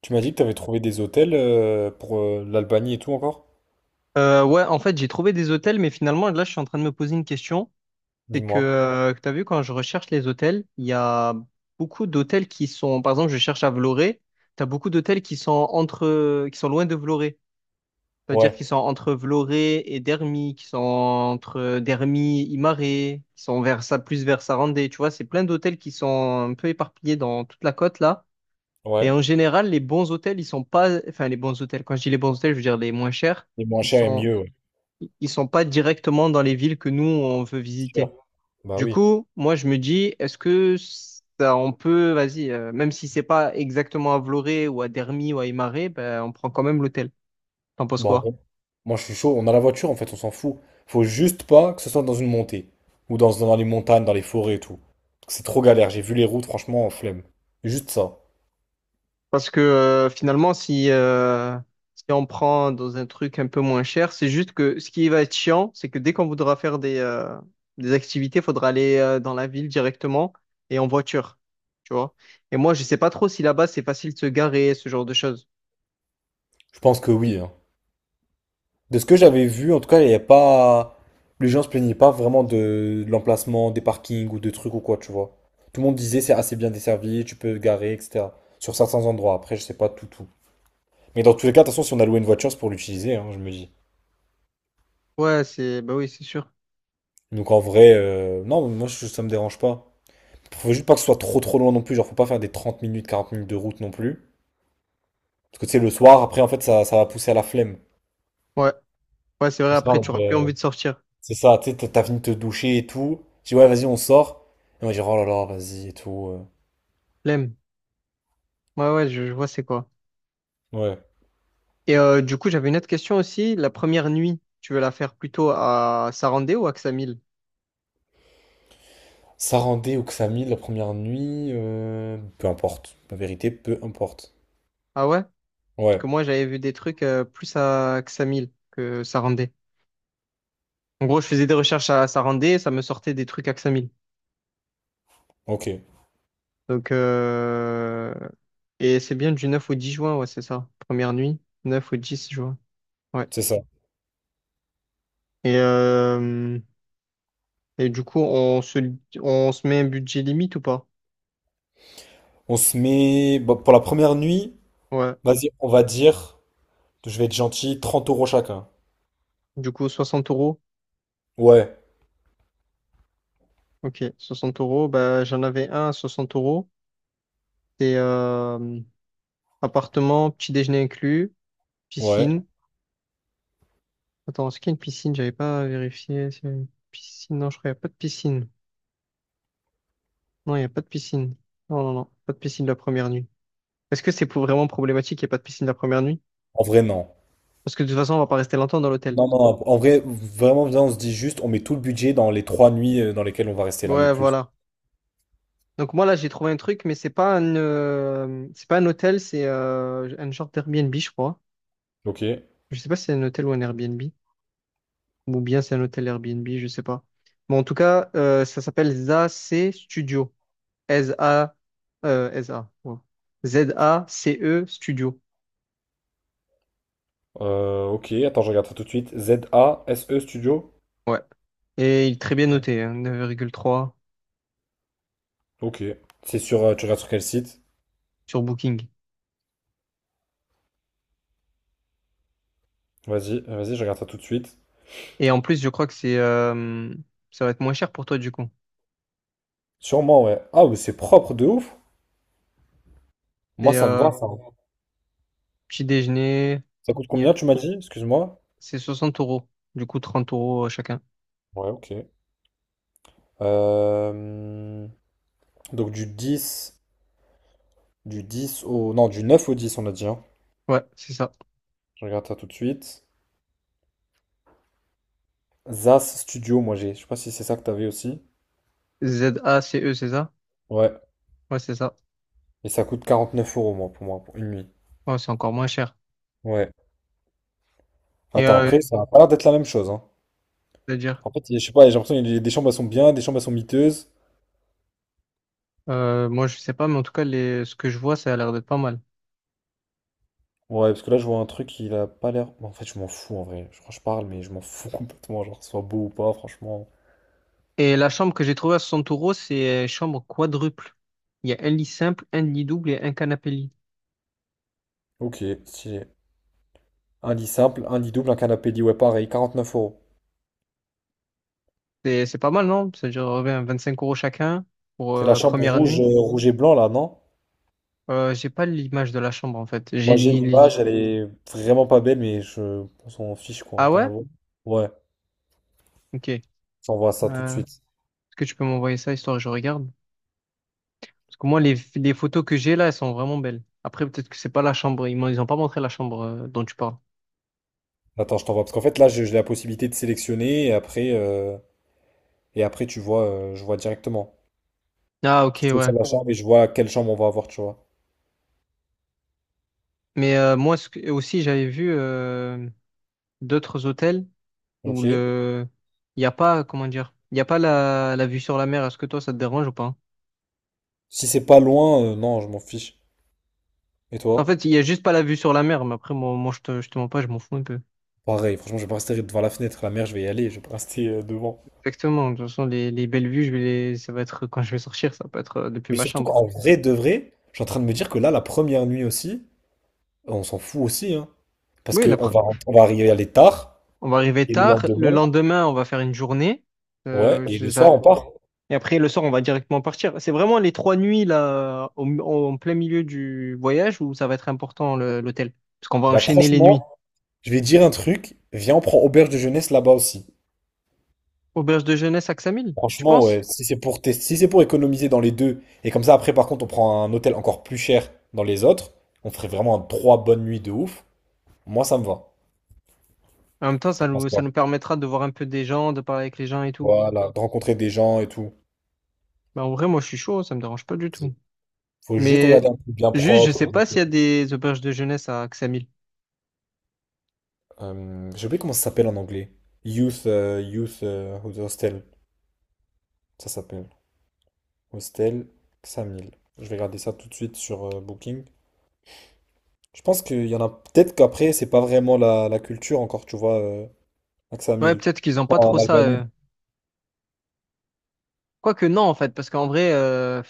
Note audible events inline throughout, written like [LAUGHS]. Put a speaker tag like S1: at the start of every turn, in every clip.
S1: Tu m'as dit que t'avais trouvé des hôtels pour l'Albanie et tout encore?
S2: Ouais, en fait, j'ai trouvé des hôtels, mais finalement, là, je suis en train de me poser une question. C'est
S1: Dis-moi.
S2: que, tu as vu, quand je recherche les hôtels, il y a beaucoup d'hôtels qui sont, par exemple, je cherche à Vloré, tu as beaucoup d'hôtels qui sont loin de Vloré. C'est-à-dire
S1: Ouais,
S2: qu'ils sont entre Vloré et Dermy, qui sont entre Dermy, Imaré, qui sont vers ça, plus vers Sarandé. Tu vois, c'est plein d'hôtels qui sont un peu éparpillés dans toute la côte, là. Et
S1: ouais.
S2: en général, les bons hôtels, ils sont pas, enfin, les bons hôtels, quand je dis les bons hôtels, je veux dire les moins chers.
S1: Et moins
S2: Ils
S1: cher et
S2: sont
S1: mieux, ouais.
S2: ils sont pas directement dans les villes que nous on veut
S1: C'est
S2: visiter.
S1: sûr. Bah
S2: Du
S1: oui.
S2: coup, moi je me dis, est-ce que ça, on peut, vas-y, même si c'est pas exactement à Vloré ou à Dermy ou à Imare, ben, on prend quand même l'hôtel. T'en penses
S1: Bah en
S2: quoi?
S1: vrai, moi je suis chaud. On a la voiture en fait, on s'en fout. Faut juste pas que ce soit dans une montée. Ou dans les montagnes, dans les forêts et tout. C'est trop galère. J'ai vu les routes, franchement, flemme. Juste ça.
S2: Parce que finalement, si on prend dans un truc un peu moins cher, c'est juste que ce qui va être chiant, c'est que dès qu'on voudra faire des activités, il faudra aller dans la ville directement et en voiture. Tu vois? Et moi, je sais pas trop si là-bas c'est facile de se garer, ce genre de choses.
S1: Je pense que oui, hein. De ce que j'avais vu, en tout cas, il n'y a pas. Les gens se plaignaient pas vraiment de l'emplacement, des parkings ou de trucs ou quoi, tu vois. Tout le monde disait c'est assez bien desservi, tu peux te garer, etc. Sur certains endroits. Après, je sais pas tout. Mais dans tous les cas, de toute façon, si on a loué une voiture, c'est pour l'utiliser, hein, je me dis.
S2: Ouais, c'est, bah oui, c'est sûr.
S1: Donc en vrai, non, moi, ça me dérange pas. Faut juste pas que ce soit trop loin non plus. Genre, faut pas faire des 30 minutes, 40 minutes de route non plus. Parce que tu sais, le soir, après, en fait, ça va pousser à la flemme.
S2: Ouais, ouais, c'est vrai.
S1: On sera
S2: Après,
S1: en
S2: tu
S1: mode,
S2: auras plus envie de sortir.
S1: c'est ça, tu sais, t'as fini de te doucher et tout. Je dis, ouais, vas-y, on sort. Et moi, je dis, oh là là, vas-y et tout.
S2: Flemme. Ouais, ouais, je vois c'est quoi.
S1: Ouais.
S2: Et du coup, j'avais une autre question aussi. La première nuit, tu veux la faire plutôt à Sarandé ou à Ksamil?
S1: Sarandé ou Xamil la première nuit, peu importe. La vérité, peu importe.
S2: Ah ouais? Parce
S1: Ouais,
S2: que moi, j'avais vu des trucs plus à Ksamil que Sarandé. En gros, je faisais des recherches à Sarandé, et ça me sortait des trucs à Ksamil.
S1: ok,
S2: Donc, euh... et c'est bien du 9 au 10 juin, ouais, c'est ça. Première nuit, 9 au 10 juin. Ouais.
S1: c'est ça.
S2: Et euh... Et du coup, on se met un budget limite ou pas?
S1: On se met, bon, pour la première nuit,
S2: Ouais.
S1: vas-y, on va dire, je vais être gentil, 30 € chacun.
S2: Du coup, 60 euros.
S1: Ouais,
S2: Ok, soixante euros. Bah, j'en avais un à 60 euros. C'est, appartement, petit déjeuner inclus,
S1: ouais.
S2: piscine. Attends, est-ce qu'il y a une piscine? J'avais pas vérifié. S'il y a une piscine. Non, je crois qu'il n'y a pas de piscine. Non, il n'y a pas de piscine. Non, non, non. Pas de piscine la première nuit. Est-ce que vraiment problématique qu'il n'y ait pas de piscine la première nuit?
S1: En vrai, non.
S2: Parce que de toute façon, on va pas rester longtemps dans l'hôtel.
S1: Non, non, non, en vrai, vraiment, viens, on se dit juste, on met tout le budget dans les trois nuits dans lesquelles on va rester là, le
S2: Ouais,
S1: plus.
S2: voilà. Donc moi là j'ai trouvé un truc, mais c'est pas un hôtel, c'est un genre d'Airbnb, je crois.
S1: Ok.
S2: Je sais pas si c'est un hôtel ou un Airbnb, ou bien c'est un hôtel Airbnb, je sais pas. Bon en tout cas, ça s'appelle ZAC Studio. S-A S-A. Ouais. ZACE Studio.
S1: Ok, attends, je regarde ça tout de suite. Z-A-S-E Studio?
S2: Ouais. Et il est très bien noté, hein, 9,3
S1: Ok. C'est sur, tu regardes sur quel site?
S2: sur Booking.
S1: Vas-y, vas-y, je regarde ça tout de suite.
S2: Et en plus, je crois que c'est ça va être moins cher pour toi du coup.
S1: Sûrement, ouais. Ah, mais c'est propre de ouf. Moi,
S2: C'est,
S1: ça me va, ça.
S2: petit déjeuner,
S1: Ça coûte
S2: il y
S1: combien, tu m'as dit? Excuse-moi.
S2: c'est 60 euros. Du coup, 30 € chacun.
S1: Ouais, ok. Euh, donc, du 10 au... Non, du 9 au dix, on a dit, hein.
S2: Ouais, c'est ça.
S1: Je regarde ça tout de suite. ZAS Studio, moi, j'ai. Je sais pas si c'est ça que t'avais aussi.
S2: ZACE, c'est ça?
S1: Ouais.
S2: Ouais, c'est ça.
S1: Et ça coûte 49 euros, moi, pour une nuit.
S2: Ouais, c'est encore moins cher.
S1: Ouais. Attends,
S2: Ouais.
S1: après, ça a pas l'air d'être la même chose, hein.
S2: C'est-à-dire,
S1: En fait, je sais pas, j'ai l'impression qu'il y a des chambres, elles sont bien, des chambres, elles sont miteuses.
S2: moi, je sais pas, mais en tout cas, ce que je vois, ça a l'air d'être pas mal.
S1: Ouais, parce que là, je vois un truc, il a pas l'air. En fait, je m'en fous en vrai. Je crois que je parle, mais je m'en fous [LAUGHS] complètement. Genre, que ce soit beau ou pas, franchement.
S2: Et la chambre que j'ai trouvée à 60 euros, c'est, chambre quadruple. Il y a un lit simple, un lit double et un canapé lit.
S1: Ok, stylé. Un lit simple, un lit double, un canapé lit, ouais, pareil, quarante-neuf euros.
S2: C'est pas mal, non? C'est-à-dire, 5 € chacun pour
S1: C'est la chambre
S2: première
S1: rouge,
S2: nuit.
S1: rouge et blanc là, non?
S2: J'ai pas l'image de la chambre, en fait. J'ai
S1: Moi, j'ai
S2: l'île.
S1: l'image, elle est vraiment pas belle, mais je on s'en fiche quoi, on
S2: Ah
S1: va pas la
S2: ouais?
S1: voir. Ouais,
S2: Ok.
S1: je t'envoie ça tout de
S2: Euh,
S1: suite.
S2: Est-ce que tu peux m'envoyer ça, histoire que je regarde? Parce que moi, les photos que j'ai là, elles sont vraiment belles. Après, peut-être que c'est pas la chambre. Ils ont pas montré la chambre dont tu parles.
S1: Attends, je t'envoie, parce qu'en fait, là, j'ai la possibilité de sélectionner et après tu vois, je vois directement.
S2: Ah, ok,
S1: Faut que je laisse
S2: ouais.
S1: ma chambre et je vois quelle chambre on va avoir, tu vois.
S2: Mais moi ce que- aussi, j'avais vu d'autres hôtels où
S1: Ok.
S2: le il n'y a pas, comment dire, il n'y a pas la vue sur la mer. Est-ce que toi, ça te dérange ou pas?
S1: Si c'est pas loin, non, je m'en fiche. Et
S2: En
S1: toi?
S2: fait, il n'y a juste pas la vue sur la mer, mais après, moi je te mens pas, je m'en fous un peu.
S1: Pareil, franchement, je vais pas rester devant la fenêtre. La mer, je vais y aller, je vais pas rester devant.
S2: Exactement. De toute façon, les belles vues, ça va être quand je vais sortir, ça peut être depuis
S1: Mais
S2: ma
S1: surtout
S2: chambre.
S1: qu'en vrai de vrai, je suis en train de me dire que là, la première nuit aussi, on s'en fout aussi, hein. Parce
S2: Oui,
S1: que on va arriver à aller tard,
S2: on va arriver
S1: et le
S2: tard. Le
S1: lendemain,
S2: lendemain, on va faire une journée.
S1: ouais,
S2: Euh,
S1: et
S2: je-
S1: le
S2: ça-
S1: soir, on part.
S2: Et après, le soir, on va directement partir. C'est vraiment les trois nuits là, en plein milieu du voyage où ça va être important l'hôtel. Parce qu'on va
S1: Bah
S2: enchaîner les
S1: franchement,
S2: nuits.
S1: je vais dire un truc, viens, on prend auberge de jeunesse là-bas aussi.
S2: Auberge de jeunesse à Xamil, tu
S1: Franchement, ouais,
S2: penses?
S1: si c'est pour tester, si c'est pour économiser dans les deux, et comme ça après par contre on prend un hôtel encore plus cher dans les autres, on ferait vraiment un trois bonnes nuits de ouf. Moi ça me va.
S2: En même temps,
S1: T'en
S2: ça
S1: penses
S2: nous, ça
S1: quoi?
S2: nous permettra de voir un peu des gens, de parler avec les gens et tout.
S1: Voilà, de rencontrer des gens et tout.
S2: Bah, en vrai, moi, je suis chaud, ça me dérange pas du tout.
S1: Vas-y. Faut juste regarder
S2: Mais
S1: un truc bien
S2: juste, je sais
S1: propre.
S2: pas s'il y a des auberges de jeunesse à Xamil.
S1: J'ai oublié comment ça s'appelle en anglais. Youth, Youth Hostel. Ça s'appelle. Hostel 5000. Je vais regarder ça tout de suite sur Booking. Je pense qu'il y en a peut-être qu'après, c'est pas vraiment la culture encore, tu vois, à
S2: Ouais,
S1: 5000.
S2: peut-être qu'ils ont
S1: Pas
S2: pas
S1: en
S2: trop ça.
S1: Albanie.
S2: Quoique, non, en fait, parce qu'en vrai,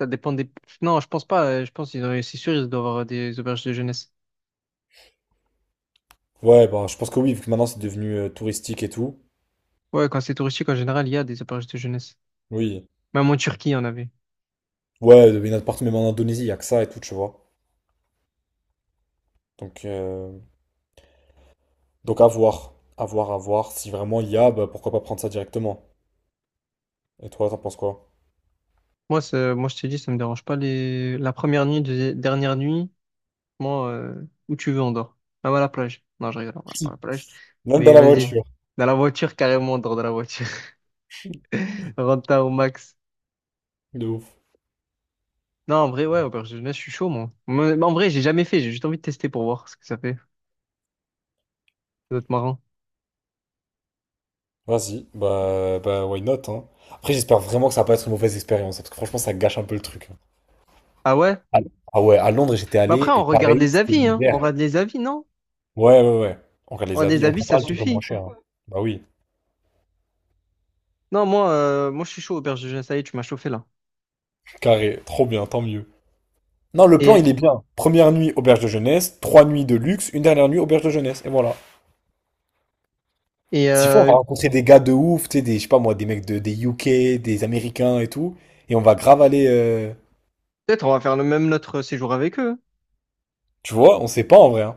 S2: ça dépend des. Non, je pense pas. Je pense qu'ils ont, c'est sûr, ils doivent avoir des auberges de jeunesse.
S1: Ouais, bah, je pense que oui, vu que maintenant c'est devenu touristique et tout.
S2: Ouais, quand c'est touristique, en général, il y a des auberges de jeunesse.
S1: Oui.
S2: Même en Turquie, il y en avait.
S1: Ouais, il y en a de partout, même en Indonésie, il y a que ça et tout, tu vois. Donc, euh, donc à voir. À voir, à voir. Si vraiment il y a, bah, pourquoi pas prendre ça directement. Et toi, t'en penses quoi?
S2: Moi, moi je t'ai dit, ça me dérange pas. La première nuit, dernière nuit, moi, où tu veux, on dort. Même à la plage. Non, je rigole, on va pas à
S1: Si.
S2: la plage.
S1: Même dans
S2: Mais
S1: la
S2: vas-y,
S1: voiture.
S2: dans la voiture, carrément, on dort dans la voiture. [LAUGHS] Renta au max.
S1: De ouf.
S2: Non, en vrai, ouais, auberge de jeunesse, je suis chaud, moi. Mais en vrai, j'ai jamais fait. J'ai juste envie de tester pour voir ce que ça fait. Ça doit être marrant.
S1: Vas-y, bah, why not, hein. Après, j'espère vraiment que ça va pas être une mauvaise expérience, hein, parce que franchement, ça gâche un peu le truc.
S2: Ah ouais?
S1: Ah ah ouais, à Londres, j'étais
S2: Mais après,
S1: allé, et
S2: on regarde
S1: pareil,
S2: les
S1: c'était
S2: avis, hein. On
S1: l'hiver.
S2: regarde les avis, non?
S1: Ouais, ouais, ouais. On regarde
S2: On
S1: les
S2: regarde les
S1: avis, on
S2: avis,
S1: prend
S2: ça
S1: pas le truc le moins
S2: suffit.
S1: cher, hein. Bah oui,
S2: Non, moi, je suis chaud, auberge de jeunesse. Ça y est, tu m'as chauffé, là.
S1: carré, trop bien, tant mieux. Non, le plan,
S2: Et
S1: il est bien. Première nuit, auberge de jeunesse, trois nuits de luxe, une dernière nuit, auberge de jeunesse, et voilà.
S2: Et
S1: S'il faut, on va
S2: euh,
S1: rencontrer des gars de ouf, tu sais, je sais pas moi, des UK, des Américains et tout, et on va grave aller,
S2: peut-être on va faire le même notre séjour avec eux.
S1: tu vois, on sait pas en vrai, hein.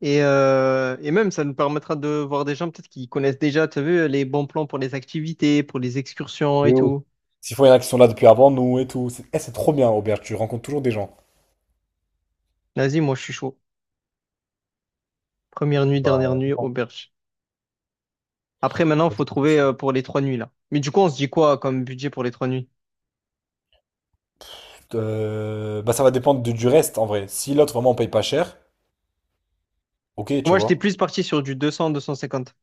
S2: Et même, ça nous permettra de voir des gens peut-être qui connaissent déjà, tu as vu, les bons plans pour les activités, pour les excursions et
S1: De ouf.
S2: tout.
S1: S'il faut, il y en a qui sont là depuis avant nous et tout. C'est c'est trop bien, auberge, tu rencontres toujours des gens.
S2: Vas-y, moi je suis chaud. Première nuit, dernière nuit, auberge. Après, maintenant, faut trouver pour les trois nuits là. Mais du coup, on se dit quoi comme budget pour les trois nuits?
S1: Bah, ça va dépendre de du reste, en vrai. Si l'autre, vraiment, on paye pas cher, ok, tu
S2: Moi, j'étais
S1: vois.
S2: plus parti sur du 200, deux cent cinquante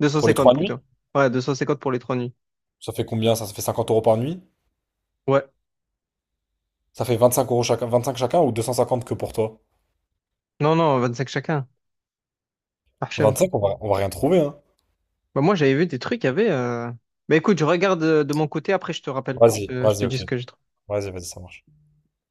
S2: deux cent
S1: Pour les trois
S2: cinquante
S1: nuits,
S2: plutôt. Ouais, 250 pour les trois nuits.
S1: ça fait combien? Ça fait 50 € par nuit?
S2: Ouais.
S1: Ça fait 25 € chacun, 25 chacun ou 250 que pour toi?
S2: Non, non, 25 chacun. Hachem.
S1: 25, on va rien trouver, hein.
S2: Bah, moi, j'avais vu des trucs, il y avait. Bah écoute, je regarde de mon côté, après je te rappelle. Je
S1: Vas-y,
S2: te, je te
S1: vas-y,
S2: dis
S1: ok.
S2: ce que j'ai trouvé.
S1: Vas-y, vas-y, ça marche.